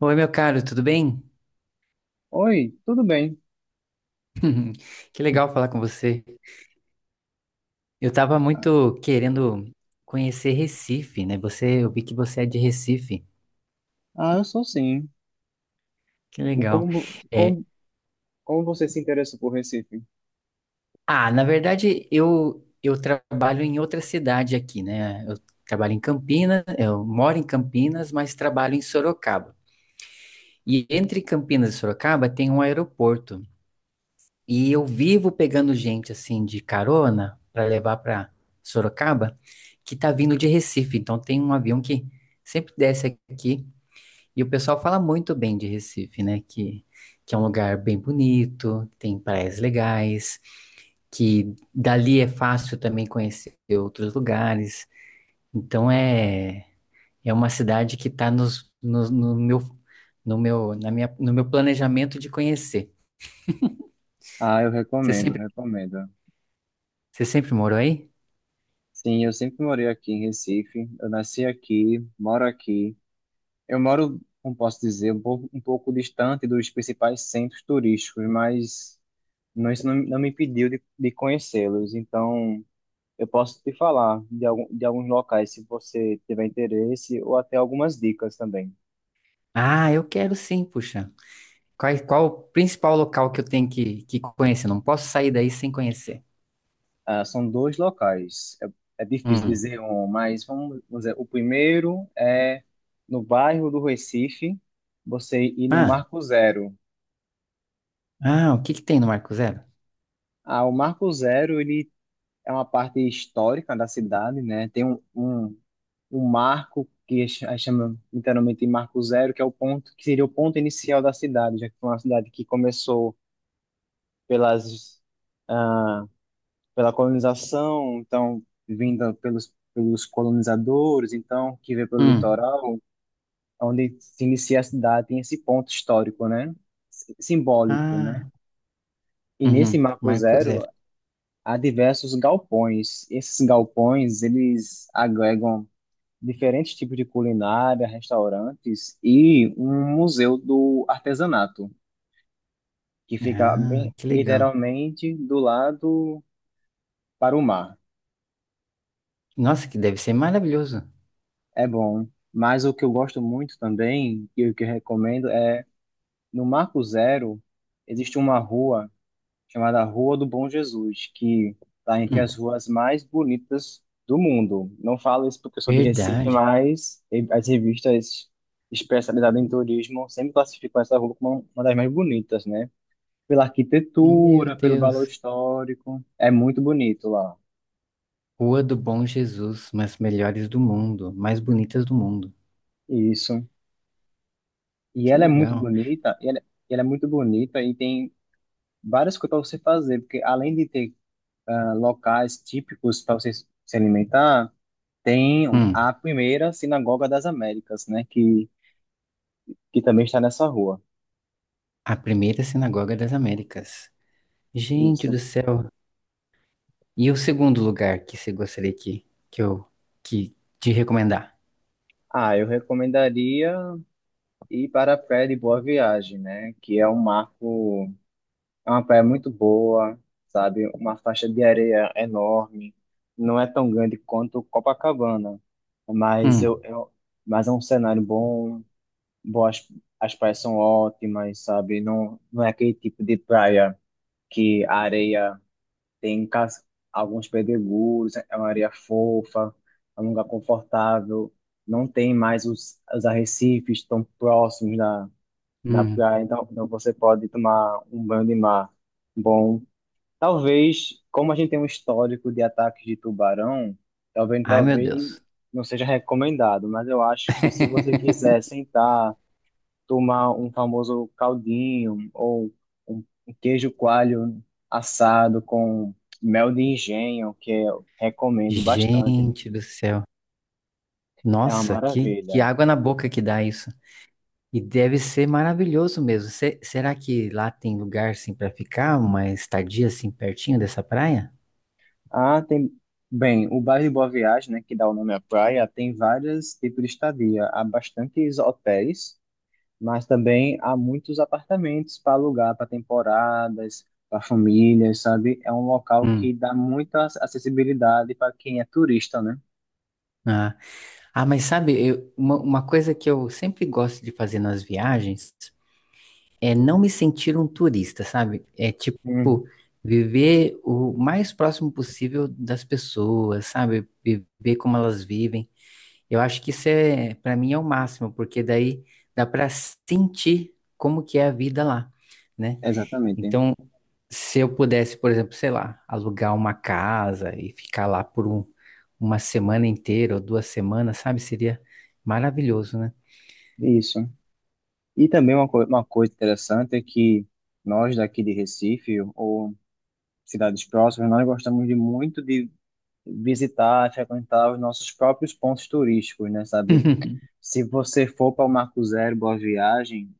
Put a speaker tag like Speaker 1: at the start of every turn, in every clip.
Speaker 1: Oi, meu caro, tudo bem?
Speaker 2: Oi, tudo bem?
Speaker 1: Que legal falar com você. Eu tava muito querendo conhecer Recife, né? Você, eu vi que você é de Recife.
Speaker 2: Ah, eu sou sim.
Speaker 1: Que
Speaker 2: O
Speaker 1: legal.
Speaker 2: Como,
Speaker 1: É,
Speaker 2: como, como você se interessa por Recife?
Speaker 1: na verdade, eu trabalho em outra cidade aqui, né? Eu trabalho em Campinas, eu moro em Campinas, mas trabalho em Sorocaba. E entre Campinas e Sorocaba tem um aeroporto. E eu vivo pegando gente assim de carona para levar para Sorocaba, que tá vindo de Recife. Então tem um avião que sempre desce aqui e o pessoal fala muito bem de Recife, né? Que é um lugar bem bonito, tem praias legais, que dali é fácil também conhecer outros lugares. Então é uma cidade que tá no meu no meu planejamento de conhecer.
Speaker 2: Ah, eu
Speaker 1: Você
Speaker 2: recomendo,
Speaker 1: sempre
Speaker 2: recomendo.
Speaker 1: você sempre morou aí?
Speaker 2: Sim, eu sempre morei aqui em Recife. Eu nasci aqui, moro aqui. Eu moro, como posso dizer, um pouco distante dos principais centros turísticos, mas não, isso não me impediu de conhecê-los. Então, eu posso te falar de alguns locais, se você tiver interesse, ou até algumas dicas também.
Speaker 1: Ah, eu quero sim, puxa. Qual o principal local que eu tenho que conhecer? Não posso sair daí sem conhecer.
Speaker 2: Ah, são dois locais. É, é difícil
Speaker 1: Hum.
Speaker 2: dizer um, mas vamos dizer, o primeiro é no bairro do Recife, você ir no
Speaker 1: Ah,
Speaker 2: Marco Zero.
Speaker 1: ah, o que que tem no Marco Zero?
Speaker 2: Ah, o Marco Zero, ele é uma parte histórica da cidade, né? Tem um marco que chama internamente de Marco Zero, que é o ponto, que seria o ponto inicial da cidade, já que foi uma cidade que começou pelas ah, pela colonização, então vinda pelos colonizadores, então que veio pelo
Speaker 1: Hum.
Speaker 2: litoral, onde se inicia a cidade, tem esse ponto histórico, né? Simbólico, né?
Speaker 1: Ah,
Speaker 2: E nesse
Speaker 1: uhum,
Speaker 2: Marco
Speaker 1: Marco
Speaker 2: Zero
Speaker 1: Zero.
Speaker 2: há diversos galpões. Esses galpões, eles agregam diferentes tipos de culinária, restaurantes e um museu do artesanato, que fica
Speaker 1: Ah,
Speaker 2: bem
Speaker 1: que legal.
Speaker 2: literalmente do lado para o mar.
Speaker 1: Nossa, que deve ser maravilhoso.
Speaker 2: É bom, mas o que eu gosto muito também, e o que eu recomendo é, no Marco Zero, existe uma rua chamada Rua do Bom Jesus, que está entre as
Speaker 1: Hum,
Speaker 2: ruas mais bonitas do mundo. Não falo isso porque eu sou de Recife,
Speaker 1: verdade.
Speaker 2: mas as revistas especializadas em turismo sempre classificam essa rua como uma das mais bonitas, né? Pela
Speaker 1: Meu
Speaker 2: arquitetura, pelo valor
Speaker 1: Deus.
Speaker 2: histórico, é muito bonito lá.
Speaker 1: Rua do Bom Jesus, mas melhores do mundo, mais bonitas do mundo.
Speaker 2: Isso. E
Speaker 1: Que
Speaker 2: ela é muito
Speaker 1: legal.
Speaker 2: bonita, e ela é muito bonita e tem várias coisas para você fazer, porque além de ter locais típicos para você se alimentar, tem
Speaker 1: Hum,
Speaker 2: a primeira Sinagoga das Américas, né, que também está nessa rua.
Speaker 1: a primeira sinagoga das Américas. Gente do
Speaker 2: Isso.
Speaker 1: céu. E o segundo lugar que você gostaria que eu que te recomendar?
Speaker 2: Ah, eu recomendaria ir para a Praia de Boa Viagem, né, que é um marco, é uma praia muito boa, sabe, uma faixa de areia enorme, não é tão grande quanto Copacabana, mas
Speaker 1: Hum,
Speaker 2: eu mas é um cenário bom, boas, as praias são ótimas, sabe? Não, não é aquele tipo de praia que a areia tem cas- alguns pedregulhos, é uma areia fofa, é um lugar confortável, não tem mais os arrecifes tão próximos da, da
Speaker 1: hum.
Speaker 2: praia, então, então você pode tomar um banho de mar bom. Talvez, como a gente tem um histórico de ataques de tubarão, talvez,
Speaker 1: Ai, meu
Speaker 2: talvez
Speaker 1: Deus.
Speaker 2: não seja recomendado, mas eu acho que se você quiser sentar tomar um famoso caldinho ou um queijo coalho assado com mel de engenho, que eu recomendo bastante.
Speaker 1: Gente do céu.
Speaker 2: É uma
Speaker 1: Nossa, que
Speaker 2: maravilha.
Speaker 1: água na boca que dá isso. E deve ser maravilhoso mesmo. Será que lá tem lugar assim para ficar, uma estadia assim pertinho dessa praia?
Speaker 2: Ah, tem. Bem, o bairro de Boa Viagem, né, que dá o nome à praia, tem vários tipos de estadia. Há bastantes hotéis, mas também há muitos apartamentos para alugar para temporadas, para famílias, sabe? É um local
Speaker 1: Hum.
Speaker 2: que dá muita acessibilidade para quem é turista, né?
Speaker 1: Ah. Ah, mas sabe, uma coisa que eu sempre gosto de fazer nas viagens é não me sentir um turista, sabe? É tipo
Speaker 2: Hum,
Speaker 1: viver o mais próximo possível das pessoas, sabe? Viver como elas vivem. Eu acho que isso é, para mim é o máximo, porque daí dá para sentir como que é a vida lá, né?
Speaker 2: exatamente.
Speaker 1: Então, se eu pudesse, por exemplo, sei lá, alugar uma casa e ficar lá uma semana inteira ou duas semanas, sabe? Seria maravilhoso, né?
Speaker 2: Isso. E também uma coisa interessante é que nós daqui de Recife ou cidades próximas, nós gostamos de muito de visitar, frequentar os nossos próprios pontos turísticos, né, sabe? Se você for para o Marco Zero, Boa Viagem,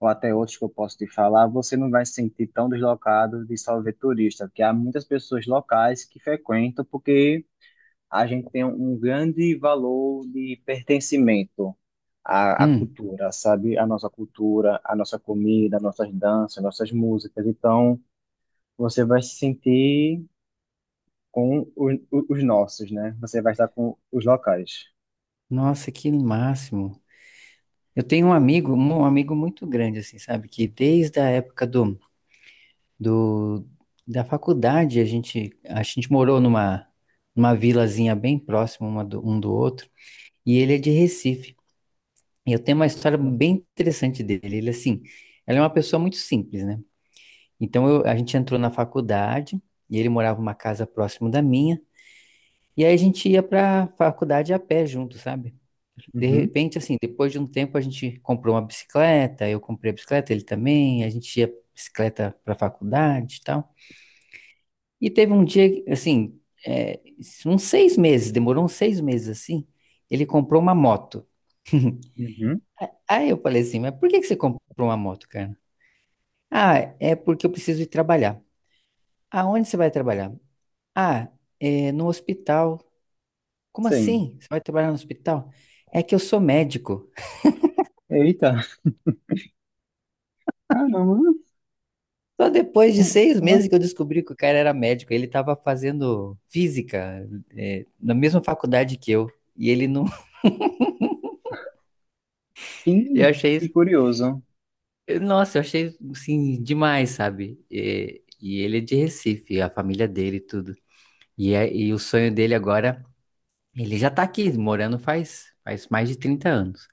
Speaker 2: ou até outros que eu posso te falar, você não vai se sentir tão deslocado de só ver turista, porque há muitas pessoas locais que frequentam porque a gente tem um grande valor de pertencimento à
Speaker 1: Hum,
Speaker 2: cultura, sabe? A nossa cultura, a nossa comida, nossas danças, nossas músicas. Então, você vai se sentir com o- os nossos, né? Você vai estar com os locais.
Speaker 1: nossa, que máximo. Eu tenho um amigo muito grande, assim, sabe? Que desde a época do, da faculdade, a gente morou numa vilazinha bem próxima um do outro, e ele é de Recife. E eu tenho uma história bem interessante dele. Ele, assim, ele é uma pessoa muito simples, né? Então, a gente entrou na faculdade, e ele morava numa casa próximo da minha, e aí a gente ia pra faculdade a pé junto, sabe? De
Speaker 2: Uhum,
Speaker 1: repente, assim, depois de um tempo a gente comprou uma bicicleta, eu comprei a bicicleta, ele também, a gente ia bicicleta para a faculdade e tal. E teve um dia, que, assim, é, uns 6 meses, demorou uns 6 meses assim, ele comprou uma moto.
Speaker 2: uhum,
Speaker 1: Aí eu falei assim, mas por que que você comprou uma moto, cara? Ah, é porque eu preciso ir trabalhar. Aonde você vai trabalhar? Ah, é no hospital. Como
Speaker 2: sim.
Speaker 1: assim? Você vai trabalhar no hospital? É que eu sou médico.
Speaker 2: Eita, caramba,
Speaker 1: Só depois de
Speaker 2: como,
Speaker 1: seis
Speaker 2: como
Speaker 1: meses que eu descobri que o cara era médico. Ele estava fazendo física, na mesma faculdade que eu. E ele não. Eu
Speaker 2: assim?
Speaker 1: achei
Speaker 2: Que
Speaker 1: isso.
Speaker 2: curioso.
Speaker 1: Nossa, eu achei assim, demais, sabe? E ele é de Recife, a família dele e tudo. E o sonho dele agora. Ele já tá aqui, morando faz mais de 30 anos.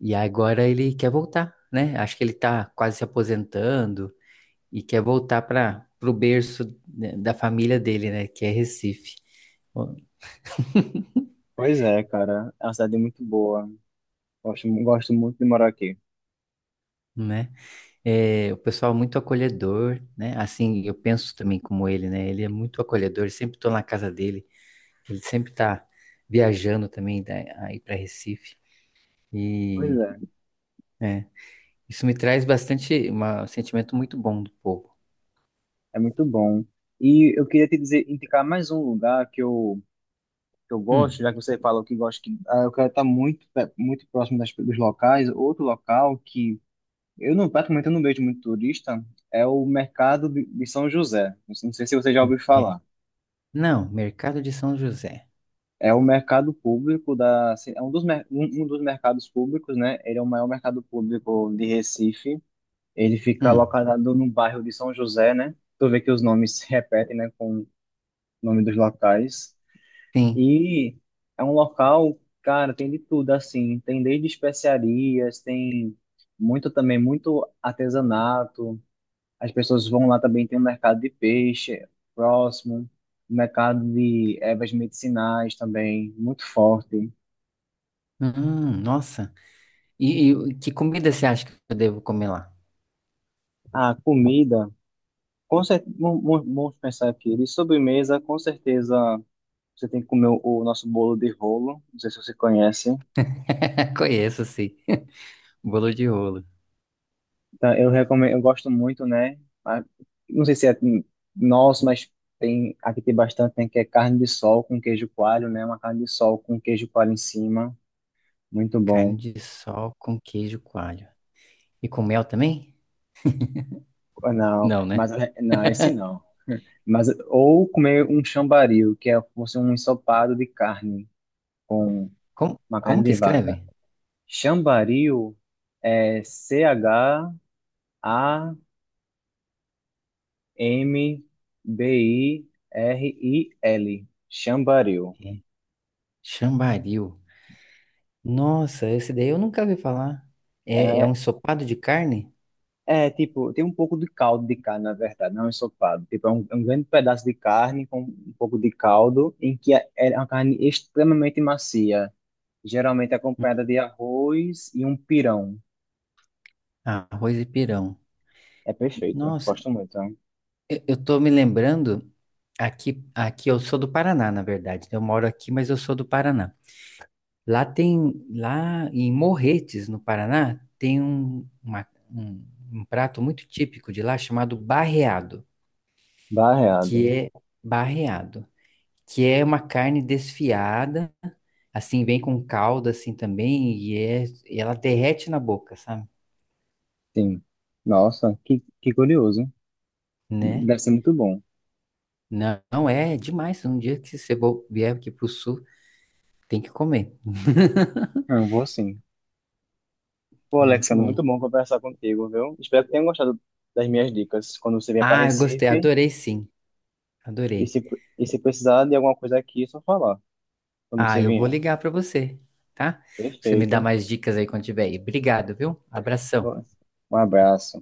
Speaker 1: E agora ele quer voltar, né? Acho que ele tá quase se aposentando e quer voltar para o berço né, da família dele, né? Que é Recife.
Speaker 2: Pois é, cara, é uma cidade muito boa. Gosto, gosto muito de morar aqui.
Speaker 1: Né? É, o pessoal é muito acolhedor, né? Assim, eu penso também como ele, né? Ele é muito acolhedor, sempre estou na casa dele, ele sempre está viajando também aí para Recife
Speaker 2: Pois
Speaker 1: e
Speaker 2: é.
Speaker 1: é, isso me traz bastante um sentimento muito bom do povo.
Speaker 2: É muito bom. E eu queria te dizer, indicar mais um lugar que eu gosto, já
Speaker 1: Hum.
Speaker 2: que você falou que gosta, eu quero estar muito, muito próximo das, dos locais. Outro local que eu não, praticamente eu não vejo muito turista é o mercado de São José. Não sei se você já ouviu
Speaker 1: mer-
Speaker 2: falar.
Speaker 1: Não, Mercado de São José.
Speaker 2: É um mercado público da, assim, é um um um dos mercados públicos, né? Ele é o maior mercado público de Recife. Ele fica
Speaker 1: Hum,
Speaker 2: localizado no bairro de São José, né? Tu vê que os nomes se repetem, né, com o nome dos locais.
Speaker 1: sim.
Speaker 2: E é um local, cara, tem de tudo, assim. Tem desde especiarias, tem muito também, muito artesanato. As pessoas vão lá também, tem um mercado de peixe próximo, um mercado de ervas medicinais também, muito forte.
Speaker 1: Nossa. Que comida você acha que eu devo comer lá?
Speaker 2: A comida, com cer- mu- mu- vamos pensar aqui, de sobremesa, com certeza você tem que comer o nosso bolo de rolo, não sei se você conhece.
Speaker 1: Conheço, sim. Bolo de rolo,
Speaker 2: Então, eu recomendo, eu gosto muito, né? Ah, não sei se é nosso, mas tem bastante, tem que é carne de sol com queijo coalho, né? Uma carne de sol com queijo coalho em cima, muito
Speaker 1: carne
Speaker 2: bom.
Speaker 1: de sol com queijo coalho. E com mel também?
Speaker 2: Ah, não,
Speaker 1: Não,
Speaker 2: mas
Speaker 1: né?
Speaker 2: não, esse não. Mas ou comer um chambaril, que é fosse um ensopado de carne com
Speaker 1: Como,
Speaker 2: uma carne
Speaker 1: como
Speaker 2: de
Speaker 1: que
Speaker 2: vaca.
Speaker 1: escreve?
Speaker 2: Chambaril é CHAMBIRIL. Chambaril.
Speaker 1: É, Chambaril. Nossa, esse daí eu nunca ouvi falar. É, é um ensopado de carne?
Speaker 2: É, tipo, tem um pouco de caldo de carne, na verdade, não é um ensopado. Tipo, é um grande pedaço de carne com um pouco de caldo, em que é uma carne extremamente macia, geralmente acompanhada
Speaker 1: Hum.
Speaker 2: de arroz e um pirão.
Speaker 1: Arroz e pirão.
Speaker 2: É perfeito,
Speaker 1: Nossa,
Speaker 2: gosto muito, né?
Speaker 1: eu tô me lembrando. Aqui eu sou do Paraná, na verdade. Eu moro aqui, mas eu sou do Paraná. Lá em Morretes, no Paraná, tem um prato muito típico de lá chamado barreado,
Speaker 2: Barreado,
Speaker 1: que é barreado, que é uma carne desfiada, assim, vem com calda assim também, e ela derrete na boca, sabe?
Speaker 2: sim. Nossa, que curioso.
Speaker 1: Né?
Speaker 2: Deve ser muito bom.
Speaker 1: Não, não é, é demais. Um dia que você vier aqui pro sul, tem que comer.
Speaker 2: Ah, eu vou sim. Pô,
Speaker 1: Muito
Speaker 2: Alexandre,
Speaker 1: bom.
Speaker 2: muito bom conversar contigo, viu? Espero que tenham gostado das minhas dicas quando você vier para
Speaker 1: Ah, eu gostei,
Speaker 2: Recife.
Speaker 1: adorei sim,
Speaker 2: E se,
Speaker 1: adorei.
Speaker 2: e se precisar de alguma coisa aqui, é só falar quando você
Speaker 1: Ah, eu vou
Speaker 2: vier.
Speaker 1: ligar pra você, tá? Você me dá
Speaker 2: Perfeito.
Speaker 1: mais dicas aí quando tiver aí. Obrigado, viu? Abração.
Speaker 2: Um abraço.